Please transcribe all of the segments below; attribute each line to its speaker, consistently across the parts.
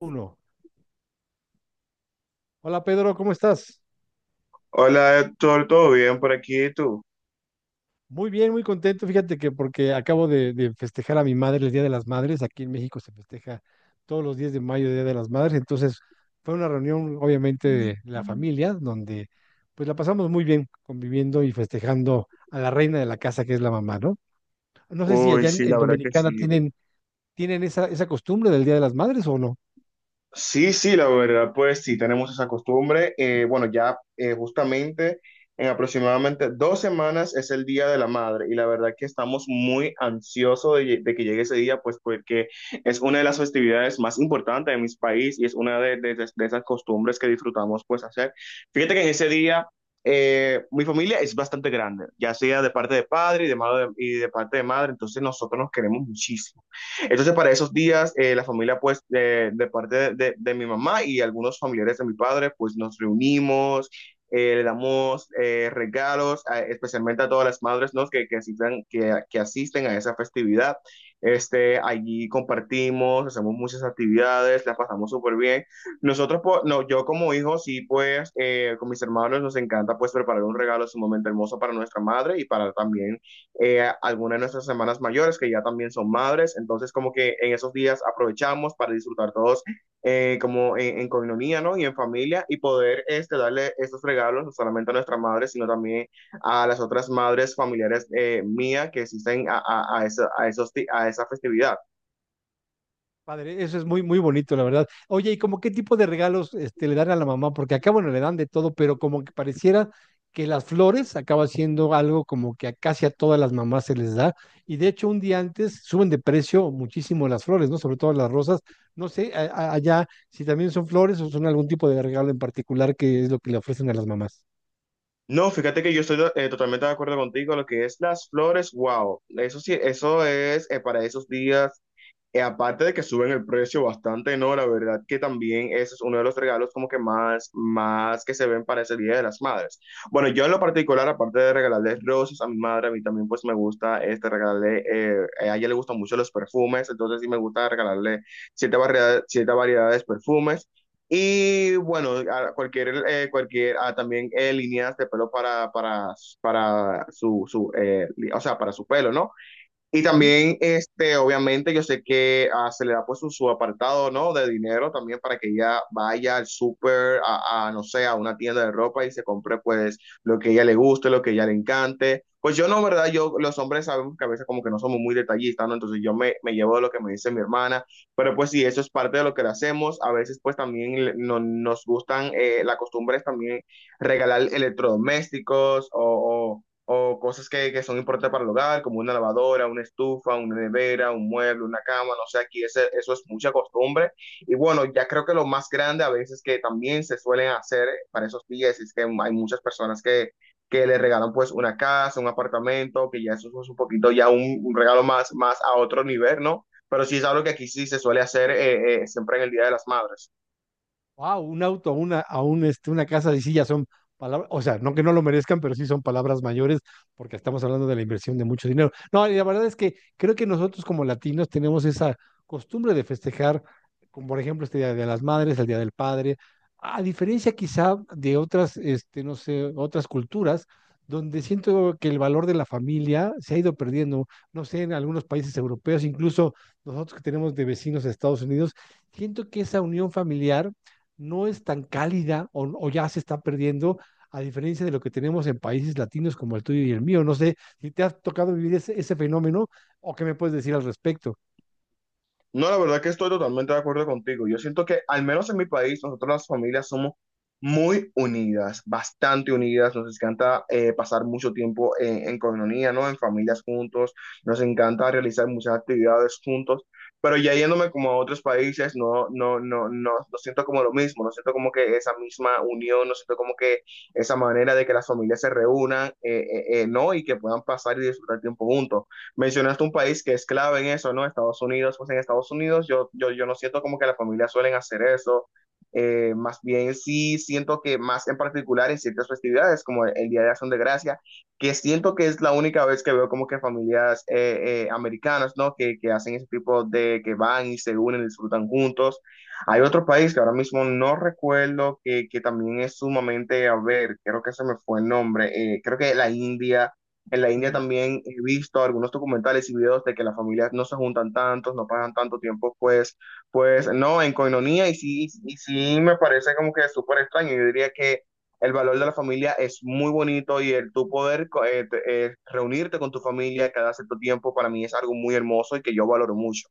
Speaker 1: Uno. Hola Pedro, ¿cómo estás?
Speaker 2: Hola, Héctor, ¿todo bien por aquí? ¿Y tú?
Speaker 1: Muy bien, muy contento. Fíjate que porque acabo de festejar a mi madre el Día de las Madres. Aquí en México se festeja todos los 10 de mayo el Día de las Madres. Entonces fue una reunión obviamente de la familia donde pues la pasamos muy bien conviviendo y festejando a la reina de la casa que es la mamá, ¿no? No sé si
Speaker 2: Uy,
Speaker 1: allá en,
Speaker 2: sí,
Speaker 1: en
Speaker 2: la verdad que
Speaker 1: Dominicana
Speaker 2: sí.
Speaker 1: tienen, tienen esa costumbre del Día de las Madres o no.
Speaker 2: Sí, sí, la verdad, pues sí, tenemos esa costumbre. Bueno, ya justamente en aproximadamente 2 semanas es el Día de la Madre y la verdad que estamos muy ansiosos de que llegue ese día, pues porque es una de las festividades más importantes de mi país y es una de esas costumbres que disfrutamos pues hacer. Fíjate que en ese día mi familia es bastante grande, ya sea de parte de padre y de madre, y de parte de madre, entonces nosotros nos queremos muchísimo. Entonces, para esos días, la familia, pues, de parte de mi mamá y algunos familiares de mi padre, pues nos reunimos, le damos regalos, especialmente a todas las madres, ¿no? Que asisten a esa festividad. Allí compartimos, hacemos muchas actividades, la pasamos súper bien. Nosotros, pues, no, yo como hijo, sí, pues, con mis hermanos nos encanta, pues, preparar un regalo sumamente hermoso para nuestra madre y para también algunas de nuestras hermanas mayores que ya también son madres, entonces como que en esos días aprovechamos para disfrutar todos, como en coinonía, ¿no? Y en familia y poder, darle estos regalos no solamente a nuestra madre, sino también a las otras madres familiares, mías que asisten a, esa, a, esos, di- a esa festividad.
Speaker 1: Padre, eso es muy, muy bonito, la verdad. Oye, ¿y como qué tipo de regalos este, le dan a la mamá? Porque acá, bueno, le dan de todo, pero como que pareciera que las flores acaba siendo algo como que a casi a todas las mamás se les da. Y de hecho, un día antes suben de precio muchísimo las flores, ¿no? Sobre todo las rosas. No sé, allá si también son flores o son algún tipo de regalo en particular que es lo que le ofrecen a las mamás.
Speaker 2: No, fíjate que yo estoy, totalmente de acuerdo contigo. Lo que es las flores, wow, eso sí, eso es, para esos días, aparte de que suben el precio bastante, no, la verdad que también ese es uno de los regalos como que más, más que se ven para ese Día de las Madres. Bueno, yo en lo particular, aparte de regalarle rosas a mi madre, a mí también pues me gusta a ella le gustan mucho los perfumes, entonces sí me gusta regalarle cierta variedades de perfumes. Y bueno, a cualquier, a también, líneas de pelo para su o sea, para su pelo, ¿no? Y
Speaker 1: Ujú.
Speaker 2: también, obviamente, yo sé que, se le da pues su apartado, ¿no? De dinero también para que ella vaya al súper, no sé, a una tienda de ropa y se compre pues lo que a ella le guste, lo que a ella le encante. Pues yo no, ¿verdad? Los hombres sabemos que a veces como que no somos muy detallistas, ¿no? Entonces yo me llevo de lo que me dice mi hermana, pero pues sí, eso es parte de lo que le hacemos. A veces pues también la costumbre es también regalar electrodomésticos o cosas que son importantes para el hogar, como una lavadora, una estufa, una nevera, un mueble, una cama, no sé, aquí eso es mucha costumbre. Y bueno, ya creo que lo más grande a veces que también se suelen hacer, para esos días es que hay muchas personas que le regalan pues una casa, un apartamento, que ya eso es un poquito ya un regalo más, más a otro nivel, ¿no? Pero sí es algo que aquí sí se suele hacer, siempre en el Día de las Madres.
Speaker 1: Wow, un auto, una, a un, este, una casa de sillas son palabras, o sea, no que no lo merezcan, pero sí son palabras mayores porque estamos hablando de la inversión de mucho dinero. No, y la verdad es que creo que nosotros como latinos tenemos esa costumbre de festejar, como por ejemplo este Día de las Madres, el Día del Padre, a diferencia quizá de otras, este, no sé, otras culturas, donde siento que el valor de la familia se ha ido perdiendo, no sé, en algunos países europeos, incluso nosotros que tenemos de vecinos de Estados Unidos, siento que esa unión familiar no es tan cálida o ya se está perdiendo, a diferencia de lo que tenemos en países latinos como el tuyo y el mío. No sé si te has tocado vivir ese fenómeno o qué me puedes decir al respecto.
Speaker 2: No, la verdad que estoy totalmente de acuerdo contigo. Yo siento que, al menos en mi país, nosotros las familias somos muy unidas, bastante unidas. Nos encanta, pasar mucho tiempo en coinonía, ¿no? En familias juntos. Nos encanta realizar muchas actividades juntos. Pero ya yéndome como a otros países, no siento como lo mismo. No siento como que esa misma unión, no siento como que esa manera de que las familias se reúnan, ¿no? Y que puedan pasar y disfrutar tiempo juntos. Mencionaste un país que es clave en eso, ¿no? Estados Unidos. Pues en Estados Unidos yo no siento como que las familias suelen hacer eso. Más bien sí siento que más en particular en ciertas festividades como el Día de Acción de Gracia, que siento que es la única vez que veo como que familias, americanas, ¿no? Que hacen ese tipo de, que van y se unen, disfrutan juntos. Hay otro país que ahora mismo no recuerdo, que también es sumamente, a ver, creo que se me fue el nombre, creo que la India en la India
Speaker 1: Ujú.
Speaker 2: también he visto algunos documentales y videos de que las familias no se juntan tantos, no pasan tanto tiempo, pues, no, en coinonía, y sí, me parece como que súper extraño. Yo diría que el valor de la familia es muy bonito y el tu poder reunirte con tu familia cada cierto tiempo para mí es algo muy hermoso y que yo valoro mucho.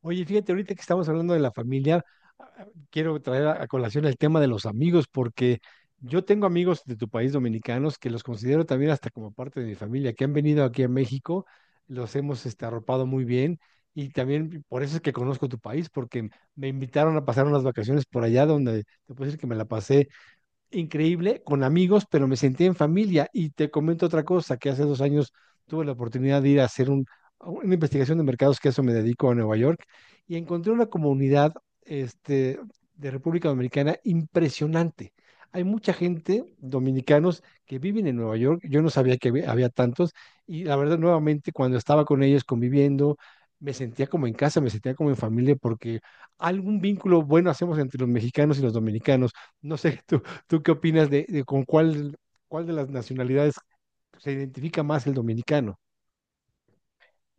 Speaker 1: Oye, fíjate, ahorita que estamos hablando de la familia, quiero traer a colación el tema de los amigos, porque yo tengo amigos de tu país dominicanos que los considero también hasta como parte de mi familia, que han venido aquí a México, los hemos este, arropado muy bien y también por eso es que conozco tu país, porque me invitaron a pasar unas vacaciones por allá donde te puedo decir que me la pasé increíble con amigos, pero me sentí en familia. Y te comento otra cosa, que hace dos años tuve la oportunidad de ir a hacer un, una investigación de mercados, que a eso me dedico a Nueva York, y encontré una comunidad este, de República Dominicana impresionante. Hay mucha gente, dominicanos, que viven en Nueva York. Yo no sabía que había tantos. Y la verdad, nuevamente, cuando estaba con ellos conviviendo, me sentía como en casa, me sentía como en familia, porque algún vínculo bueno hacemos entre los mexicanos y los dominicanos. No sé tú. ¿Tú qué opinas de con cuál, cuál de las nacionalidades se identifica más el dominicano?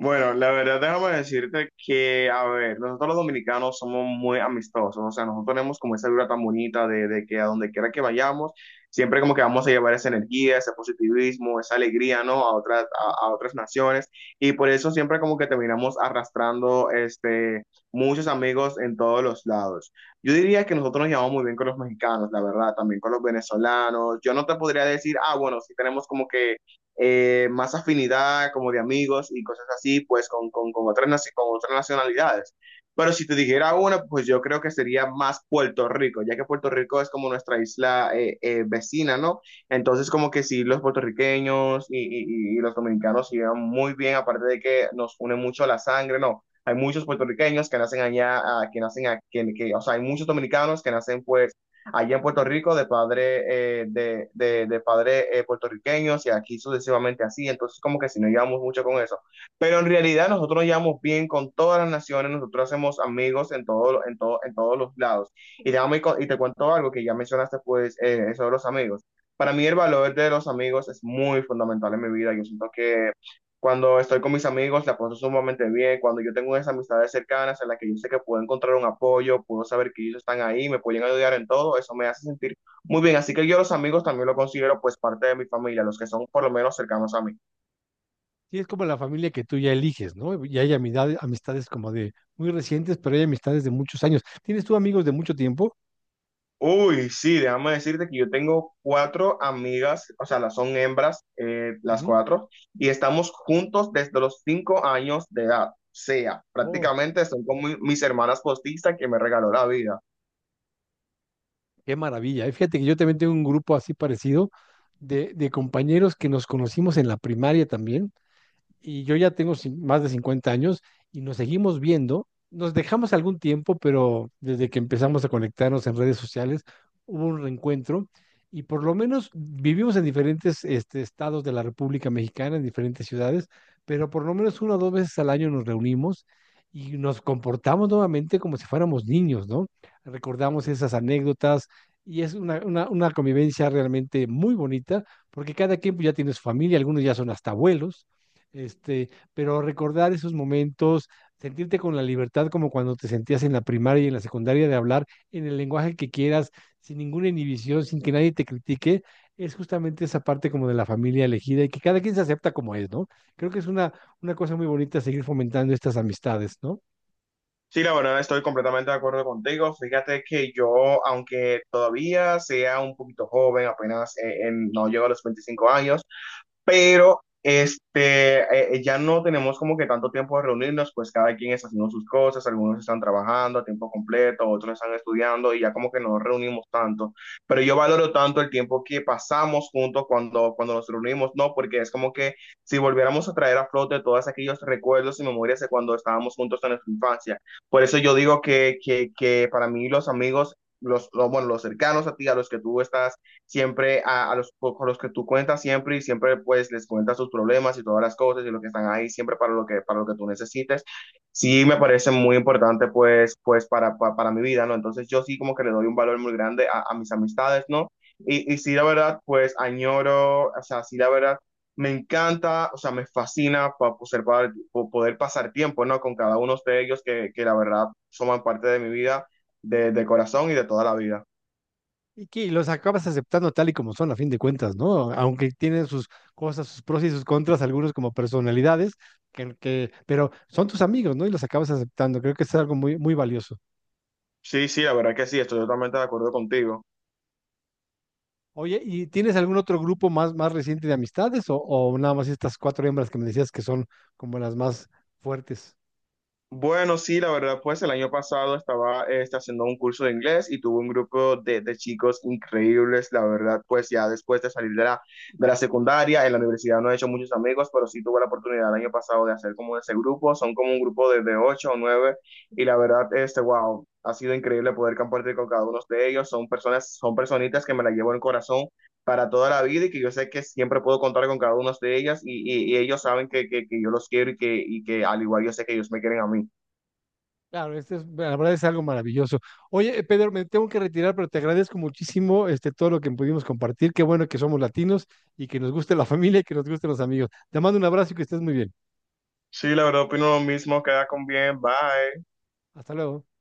Speaker 2: Bueno, la verdad, déjame decirte que, a ver, nosotros los dominicanos somos muy amistosos, o sea, nosotros tenemos como esa vibra tan bonita de que a donde quiera que vayamos, siempre como que vamos a llevar esa energía, ese positivismo, esa alegría, ¿no? A otras naciones, y por eso siempre como que terminamos arrastrando, muchos amigos en todos los lados. Yo diría que nosotros nos llevamos muy bien con los mexicanos, la verdad, también con los venezolanos. Yo no te podría decir, bueno, sí tenemos como que, más afinidad como de amigos y cosas así, pues con otras nacionalidades. Pero si te dijera una, pues yo creo que sería más Puerto Rico, ya que Puerto Rico es como nuestra isla, vecina, ¿no? Entonces como que sí, los puertorriqueños y los dominicanos se llevan muy bien, aparte de que nos une mucho la sangre, ¿no? Hay muchos puertorriqueños que nacen allá, que nacen aquí, o sea, hay muchos dominicanos que nacen pues allá en Puerto Rico de padre puertorriqueños, y aquí sucesivamente así. Entonces, como que si no llevamos mucho con eso. Pero en realidad nosotros nos llevamos bien con todas las naciones, nosotros hacemos amigos en todos los lados. Y te, y te cuento algo que ya mencionaste, pues, eso de los amigos. Para mí el valor de los amigos es muy fundamental en mi vida. Yo siento que cuando estoy con mis amigos, la paso sumamente bien. Cuando yo tengo esas amistades cercanas en las que yo sé que puedo encontrar un apoyo, puedo saber que ellos están ahí, me pueden ayudar en todo, eso me hace sentir muy bien. Así que yo los amigos también lo considero pues parte de mi familia, los que son por lo menos cercanos a mí.
Speaker 1: Sí, es como la familia que tú ya eliges, ¿no? Y hay amistades, amistades como de muy recientes, pero hay amistades de muchos años. ¿Tienes tú amigos de mucho tiempo?
Speaker 2: Uy, sí, déjame decirte que yo tengo cuatro amigas, o sea, las son hembras, las
Speaker 1: Ujú.
Speaker 2: cuatro, y estamos juntos desde los 5 años de edad. O sea,
Speaker 1: Oh,
Speaker 2: prácticamente son como mis hermanas postizas que me regaló la vida.
Speaker 1: qué maravilla. Y fíjate que yo también tengo un grupo así parecido de compañeros que nos conocimos en la primaria también y yo ya tengo más de 50 años y nos seguimos viendo. Nos dejamos algún tiempo, pero desde que empezamos a conectarnos en redes sociales hubo un reencuentro y por lo menos vivimos en diferentes este, estados de la República Mexicana, en diferentes ciudades, pero por lo menos una o dos veces al año nos reunimos y nos comportamos nuevamente como si fuéramos niños, ¿no? Recordamos esas anécdotas y es una convivencia realmente muy bonita porque cada quien pues, ya tiene su familia, algunos ya son hasta abuelos este, pero recordar esos momentos, sentirte con la libertad como cuando te sentías en la primaria y en la secundaria de hablar en el lenguaje que quieras, sin ninguna inhibición, sin que nadie te critique, es justamente esa parte como de la familia elegida y que cada quien se acepta como es, ¿no? Creo que es una cosa muy bonita seguir fomentando estas amistades, ¿no?
Speaker 2: Sí, la verdad estoy completamente de acuerdo contigo. Fíjate que yo, aunque todavía sea un poquito joven, apenas, no llego a los 25 años, pero ya no tenemos como que tanto tiempo de reunirnos, pues cada quien está haciendo sus cosas, algunos están trabajando a tiempo completo, otros están estudiando y ya como que no nos reunimos tanto. Pero yo valoro tanto el tiempo que pasamos juntos cuando nos reunimos, ¿no? Porque es como que si volviéramos a traer a flote todos aquellos recuerdos y memorias de cuando estábamos juntos en nuestra infancia. Por eso yo digo que para mí los amigos... Bueno, los cercanos a ti, a los que tú estás siempre a los con los que tú cuentas siempre y siempre pues les cuentas sus problemas y todas las cosas y lo que están ahí siempre para lo que tú necesites. Sí me parece muy importante pues para mi vida, ¿no? Entonces yo sí como que le doy un valor muy grande a mis amistades, ¿no? Y, sí, la verdad, pues añoro, o sea, sí, la verdad, me encanta, o sea, me fascina para poder, pasar tiempo, ¿no? Con cada uno de ellos que la verdad, forman parte de mi vida, de corazón y de toda la vida.
Speaker 1: Y que los acabas aceptando tal y como son, a fin de cuentas, ¿no? Aunque tienen sus cosas, sus pros y sus contras, algunos como personalidades, pero son tus amigos, ¿no? Y los acabas aceptando. Creo que es algo muy, muy valioso.
Speaker 2: Sí, sí, la verdad que sí, estoy totalmente de acuerdo contigo.
Speaker 1: Oye, ¿y tienes algún otro grupo más, más reciente de amistades o nada más estas cuatro hembras que me decías que son como las más fuertes?
Speaker 2: Bueno, sí, la verdad, pues el año pasado estaba, haciendo un curso de inglés y tuve un grupo de chicos increíbles, la verdad, pues ya después de salir de la, secundaria, en la universidad no he hecho muchos amigos, pero sí tuve la oportunidad el año pasado de hacer como ese grupo, son como un grupo de ocho o nueve, y la verdad, wow, ha sido increíble poder compartir con cada uno de ellos, son personas, son personitas que me la llevo en el corazón para toda la vida y que yo sé que siempre puedo contar con cada una de ellas y ellos saben que yo los quiero y que al igual yo sé que ellos me quieren a mí.
Speaker 1: Claro, este es, la verdad es algo maravilloso. Oye, Pedro, me tengo que retirar, pero te agradezco muchísimo este, todo lo que pudimos compartir. Qué bueno que somos latinos y que nos guste la familia y que nos gusten los amigos. Te mando un abrazo y que estés muy bien.
Speaker 2: Sí, la verdad opino lo mismo, queda con bien, bye.
Speaker 1: Hasta luego.